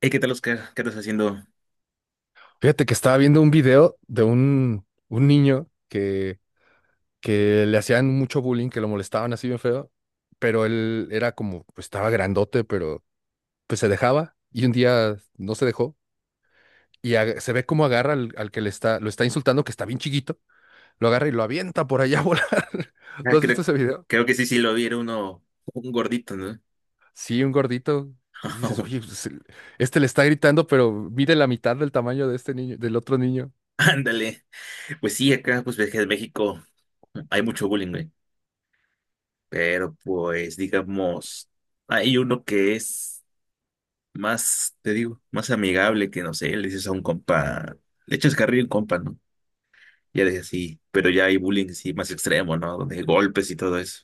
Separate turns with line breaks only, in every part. Hey, ¿qué tal, Oscar? ¿Qué estás haciendo?
Fíjate que estaba viendo un video de un niño que le hacían mucho bullying, que lo molestaban así bien feo, pero él era como, pues estaba grandote, pero pues se dejaba y un día no se dejó y se ve cómo agarra al que le está, lo está insultando, que está bien chiquito, lo agarra y lo avienta por allá a volar. ¿No
Ah,
has visto
creo,
ese video?
creo que sí, sí lo vi, era un gordito, ¿no?
Sí, un gordito que dices, oye, pues, este le está gritando, pero mide la mitad del tamaño de este niño, del otro niño.
Ándale. Pues sí, acá, pues ves que en México hay mucho bullying, güey. Pero pues, digamos, hay uno que es más, te digo, más amigable que, no sé, le dices a un compa, le echas carril a un compa, ¿no? Ya de así, pero ya hay bullying, sí, más extremo, ¿no? Donde hay golpes y todo eso.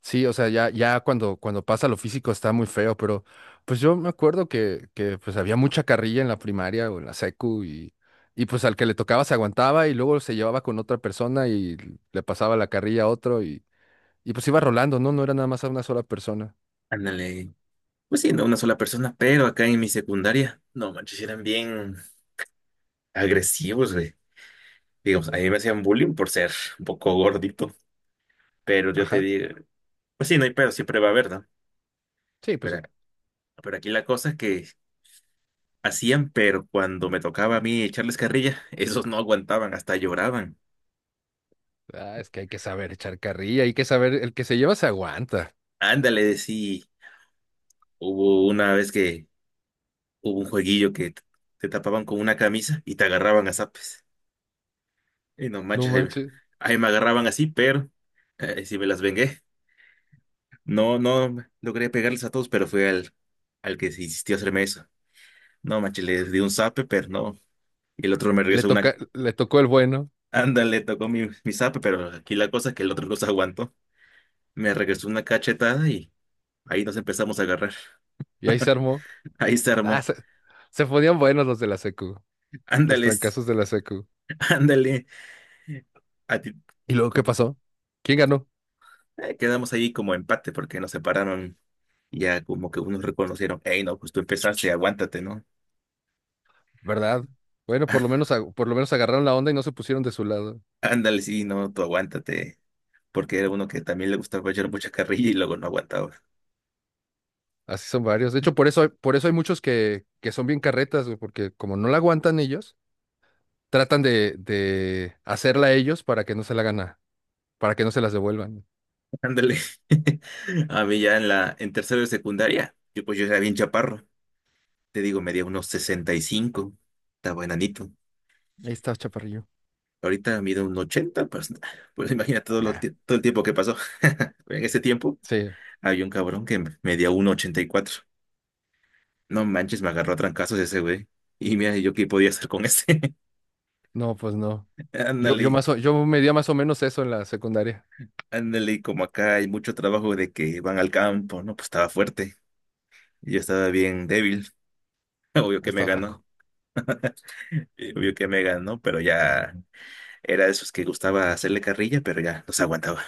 Sí, o sea, ya cuando pasa lo físico está muy feo, pero pues yo me acuerdo que pues había mucha carrilla en la primaria o en la secu y pues al que le tocaba se aguantaba y luego se llevaba con otra persona y le pasaba la carrilla a otro y pues iba rolando, ¿no? No era nada más a una sola persona.
Ándale. Pues sí, no una sola persona, pero acá en mi secundaria, no manches, eran bien agresivos, güey. Digo, a mí me hacían bullying por ser un poco gordito, pero yo te
Ajá.
digo, pues sí, no hay pero, siempre va a haber, ¿no?
Sí, pues
Pero,
sí.
pero aquí la cosa es que hacían, pero cuando me tocaba a mí echarles carrilla, esos no aguantaban, hasta lloraban.
Ah, es que hay que saber echar carrilla, hay que saber, el que se lleva se aguanta.
Ándale, sí, hubo una vez que hubo un jueguillo que te tapaban con una camisa y te agarraban a zapes. Y no
No
manches, ahí,
manches.
ahí me agarraban así, pero sí me las vengué. No, no logré pegarles a todos, pero fue al que se insistió a hacerme eso. No, manches, le di un zape, pero no. Y el otro me
Le
regresó una.
toca, le tocó el bueno
Ándale, tocó mi zape, pero aquí la cosa es que el otro no se aguantó. Me regresó una cachetada y ahí nos empezamos a agarrar.
y ahí se armó.
Ahí se
Ah,
armó.
se ponían buenos los de la secu, los
Ándale,
trancazos de la secu.
ándale. A ti-
¿Y luego qué
com-
pasó? ¿Quién ganó?
quedamos ahí como empate porque nos separaron. Y ya como que unos reconocieron, hey, no, pues tú empezaste, aguántate, ¿no?
¿Verdad? Bueno, por lo menos, por lo menos agarraron la onda y no se pusieron de su lado.
Ándale, sí, no, tú aguántate. Porque era uno que también le gustaba echar mucha carrilla y luego no aguantaba.
Así son varios. De hecho, por eso hay muchos que son bien carretas, güey, porque como no la aguantan ellos, tratan de hacerla ellos para que no se la gana, para que no se las devuelvan.
Ándale. A mí ya en tercero de secundaria, yo pues yo era bien chaparro. Te digo, medía unos 65. Estaba enanito.
Ahí está, chaparrillo.
Ahorita mido 1.80 pues, pues imagina
Ah,
todo el tiempo que pasó. En ese tiempo
sí.
había un cabrón que medía 1.84. No manches, me agarró a trancazos ese güey. Y mira, yo qué podía hacer con ese.
No, pues no. Yo
Ándale,
más yo medía más o menos eso en la secundaria.
ándale, como acá hay mucho trabajo de que van al campo, ¿no? Pues estaba fuerte. Y yo estaba bien débil. Obvio que me
Estaba flaco.
ganó. Vio que me ganó, pero ya era de esos que gustaba hacerle carrilla, pero ya no se aguantaba.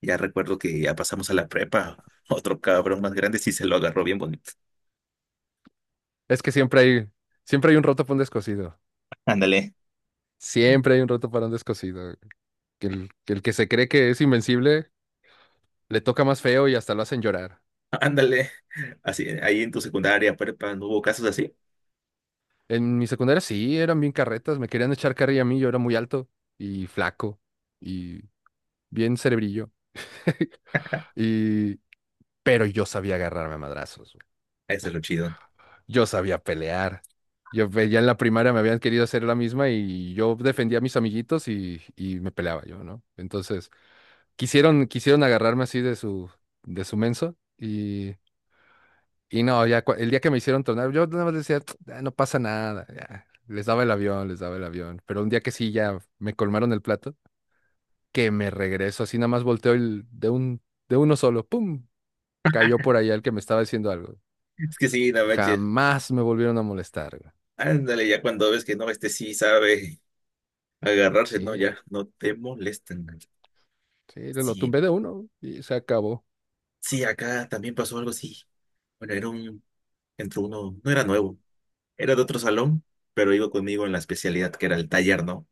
Ya recuerdo que ya pasamos a la prepa. Otro cabrón más grande sí se lo agarró bien bonito.
Es que siempre hay un roto para un descosido.
Ándale.
Siempre hay un roto para un descosido. Que el que se cree que es invencible le toca más feo y hasta lo hacen llorar.
Ándale. Así, ahí en tu secundaria, prepa, ¿no hubo casos así?
En mi secundaria sí, eran bien carretas, me querían echar carrilla a mí, yo era muy alto y flaco y bien cerebrillo. Y... Pero yo sabía agarrarme a madrazos, güey.
Eso es lo chido.
Yo sabía pelear. Ya en la primaria me habían querido hacer la misma y yo defendía a mis amiguitos y me peleaba yo, ¿no? Entonces, quisieron agarrarme así de su menso. Y no, el día que me hicieron tronar, yo nada más decía, "Ah, no pasa nada, ya". Les daba el avión, les daba el avión. Pero un día que sí, ya me colmaron el plato, que me regreso, así nada más volteo de uno solo, ¡pum! Cayó por allá el que me estaba diciendo algo.
Es que sí, no manches.
Jamás me volvieron a molestar, güey.
Ándale, ya cuando ves que no, este sí sabe agarrarse,
Sí,
no, ya no te molestan.
sí, lo
Sí,
tumbé de uno y se acabó.
sí, acá también pasó algo así. Bueno, entró uno, no era nuevo. Era de otro salón, pero iba conmigo en la especialidad que era el taller, ¿no?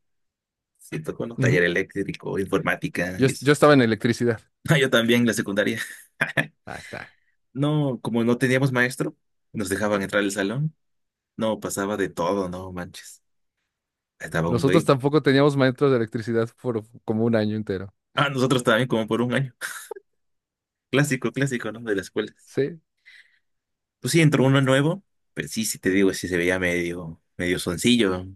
Siento tocó un
Ujú.
taller eléctrico, informática
Yo,
y eso.
yo estaba en electricidad.
Ah, yo también, la secundaria.
Ah, está.
No, como no teníamos maestro, nos dejaban entrar al salón. No, pasaba de todo, no manches. Estaba un
Nosotros
güey.
tampoco teníamos maestros de electricidad por como un año entero.
Ah, nosotros también como por un año. Clásico, clásico, ¿no? De las escuelas.
Sí.
Pues sí, entró uno nuevo. Pues sí, sí te digo, sí se veía medio, medio soncillo.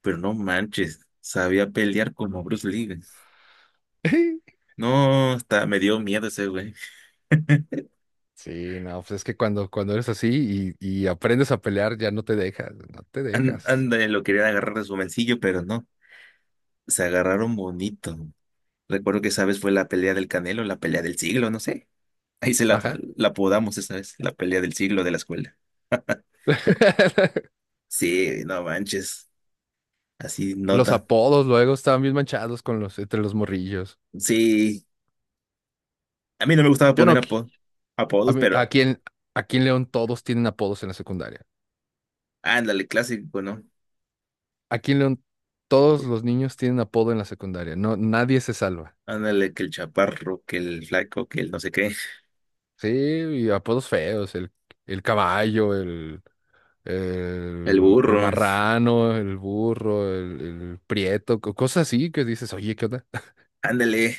Pero no manches, sabía pelear como Bruce Lee, güey. No, hasta me dio miedo ese güey.
Sí, no, pues es que cuando eres así y aprendes a pelear, ya no te dejas, no te
An-
dejas.
Ándale, lo querían agarrar de su bolsillo, pero no. Se agarraron bonito. Recuerdo que esa vez fue la pelea del Canelo, la pelea del siglo, no sé. Ahí se la,
Ajá.
la apodamos esa vez, la pelea del siglo de la escuela. Sí, no manches. Así
Los
nota.
apodos luego estaban bien manchados con los, entre los morrillos.
Sí, a mí no me gustaba
Yo
poner
no,
apo-
a
apodos,
mí-
pero
aquí en, aquí en León todos tienen apodos en la secundaria.
ándale, clásico, ¿no?
Aquí en León todos los niños tienen apodo en la secundaria. No, nadie se salva.
Ándale, que el chaparro, que el flaco, que el no sé qué,
Sí, y apodos feos, el caballo, el,
el
el, el
burro.
marrano, el burro, el prieto, cosas así que dices, oye, ¿qué onda?
Ándale.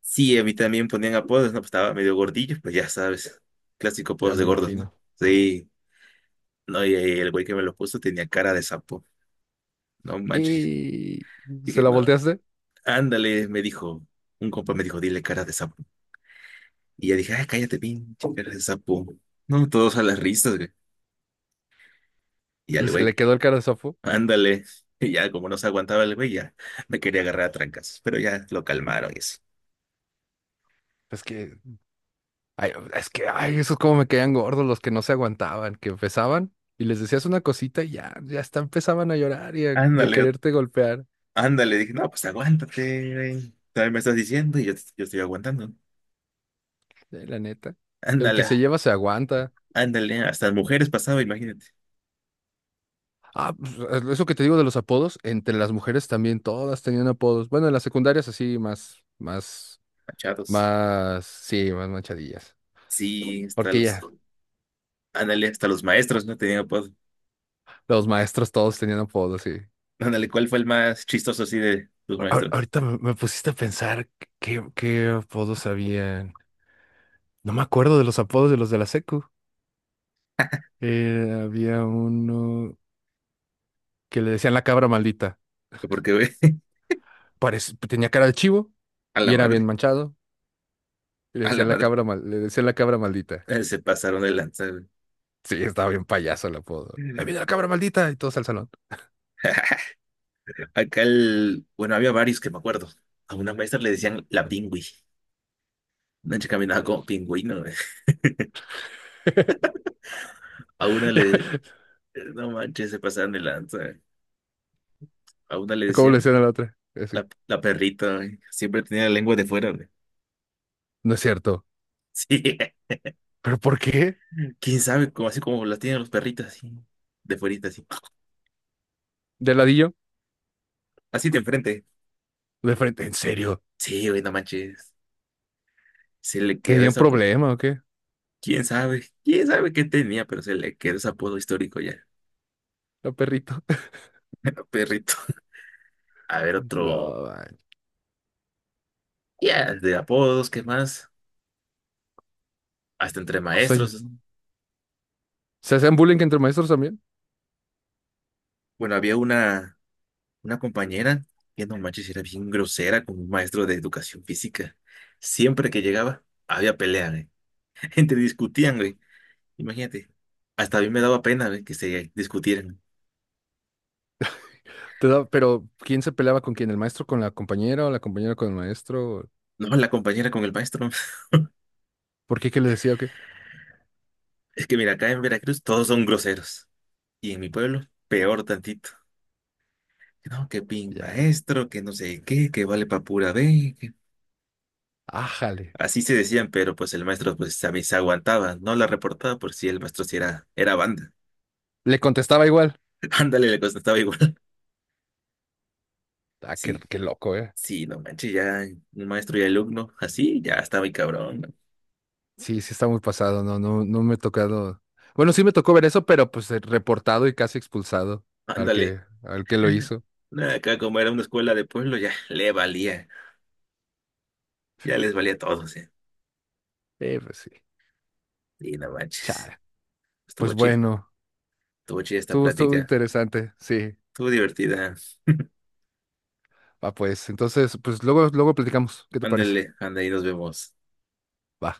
Sí, a mí también ponían apodos, ¿no? Pues estaba medio gordillo, pues ya sabes, clásico apodos
Ya
de
me
gordos, ¿no?
imagino.
Sí, no, y ahí el güey que me lo puso tenía cara de sapo, no manches.
Y se
Dije,
la
no,
volteaste
ándale, me dijo, un compa me dijo, dile cara de sapo. Y ya dije, ay, cállate, pinche cara de sapo. No, todos a las risas, güey. Y
y
al
se
güey,
le quedó el cara de Sofu.
ándale. Y ya, como no se aguantaba el güey, ya me quería agarrar a trancas, pero ya lo calmaron y así.
Es que, es que, ay, esos como me caían gordos los que no se aguantaban, que empezaban y les decías una cosita y ya, ya hasta empezaban a llorar y a
Ándale,
quererte golpear.
ándale, dije, no, pues aguántate, güey. También me estás diciendo y yo estoy aguantando.
La neta. El que
Ándale,
se lleva se aguanta.
ándale, hasta las mujeres pasaba, imagínate,
Ah, pues, eso que te digo de los apodos, entre las mujeres también todas tenían apodos. Bueno, en las secundarias así más, más,
machados.
más, sí, más manchadillas.
Sí,
Porque ya,
ándale, hasta los maestros no tenían apodo.
los maestros todos tenían apodos, sí.
Ándale, ¿cuál fue el más chistoso así de tus maestros?
Ahorita me pusiste a pensar qué, qué apodos habían. No me acuerdo de los apodos de los de la secu. Había uno que le decían la cabra maldita.
Porque, güey,
Tenía cara de chivo
a la
y era bien
madre,
manchado. Y le
a la
decían la
madre,
cabra le decían la cabra maldita.
se pasaron de lanza, güey.
Sí, estaba bien payaso el apodo. Ahí viene la cabra maldita y todos al salón.
Acá el, bueno, había varios que me acuerdo. A una maestra le decían la pingüi. Una chica caminaba como pingüino, güey. A una le, no manches, se pasaron de lanza, güey. A una le
¿Cómo le
decían
decían a la otra? Así,
la perrita, güey. Siempre tenía la lengua de fuera, güey.
no es cierto.
Sí,
¿Pero por qué?
quién sabe, como así como las tienen los perritos, así, de fuerita, así,
De ladillo,
así de enfrente.
de frente. ¿En serio?
Sí, güey, no manches, se le quedó
¿Tenían
ese apodo.
problema o qué?
Quién sabe qué tenía, pero se le quedó ese apodo histórico ya,
La perrito.
al perrito. A ver, otro,
No, man.
ya, de apodos, ¿qué más? Hasta entre maestros, ¿no?
¿Se hacían bullying entre maestros también?
Bueno, había una compañera que no manches, era bien grosera con un maestro de educación física. Siempre que llegaba, había pelea, güey. Gente discutían, güey. Imagínate. Hasta a mí me daba pena, güey, que se discutieran.
Pero ¿quién se peleaba con quién? ¿El maestro con la compañera o la compañera con el maestro?
No, la compañera con el maestro.
¿Por qué? ¿Qué le decía o qué?
Es que mira, acá en Veracruz todos son groseros. Y en mi pueblo, peor tantito. No, que pin
Ya, ya.
maestro, que no sé qué, que vale pa' pura B, que...
Ájale.
Así se decían, pero pues el maestro pues a mí se aguantaba, no la reportaba por si el maestro sí era banda.
¿Le contestaba igual?
Ándale, le contestaba igual.
Ah, qué,
Sí,
qué loco, ¿eh?
sí, no manches, ya un maestro y alumno, así ya estaba muy cabrón, ¿no?
Sí, sí está muy pasado. No, no, no me he tocado. Bueno, sí me tocó ver eso, pero pues reportado y casi expulsado
Ándale.
al que lo hizo.
Nah, acá como era una escuela de pueblo, ya le valía, ya les valía a todos, ¿eh?
Pues sí.
Y no manches,
Chale.
estuvo
Pues
chido.
bueno,
Estuvo chida esta
estuvo, estuvo
plática.
interesante. Sí.
Estuvo divertida.
Va, pues. Entonces, pues luego, luego platicamos. ¿Qué te parece?
Ándale, anda y nos vemos.
Va.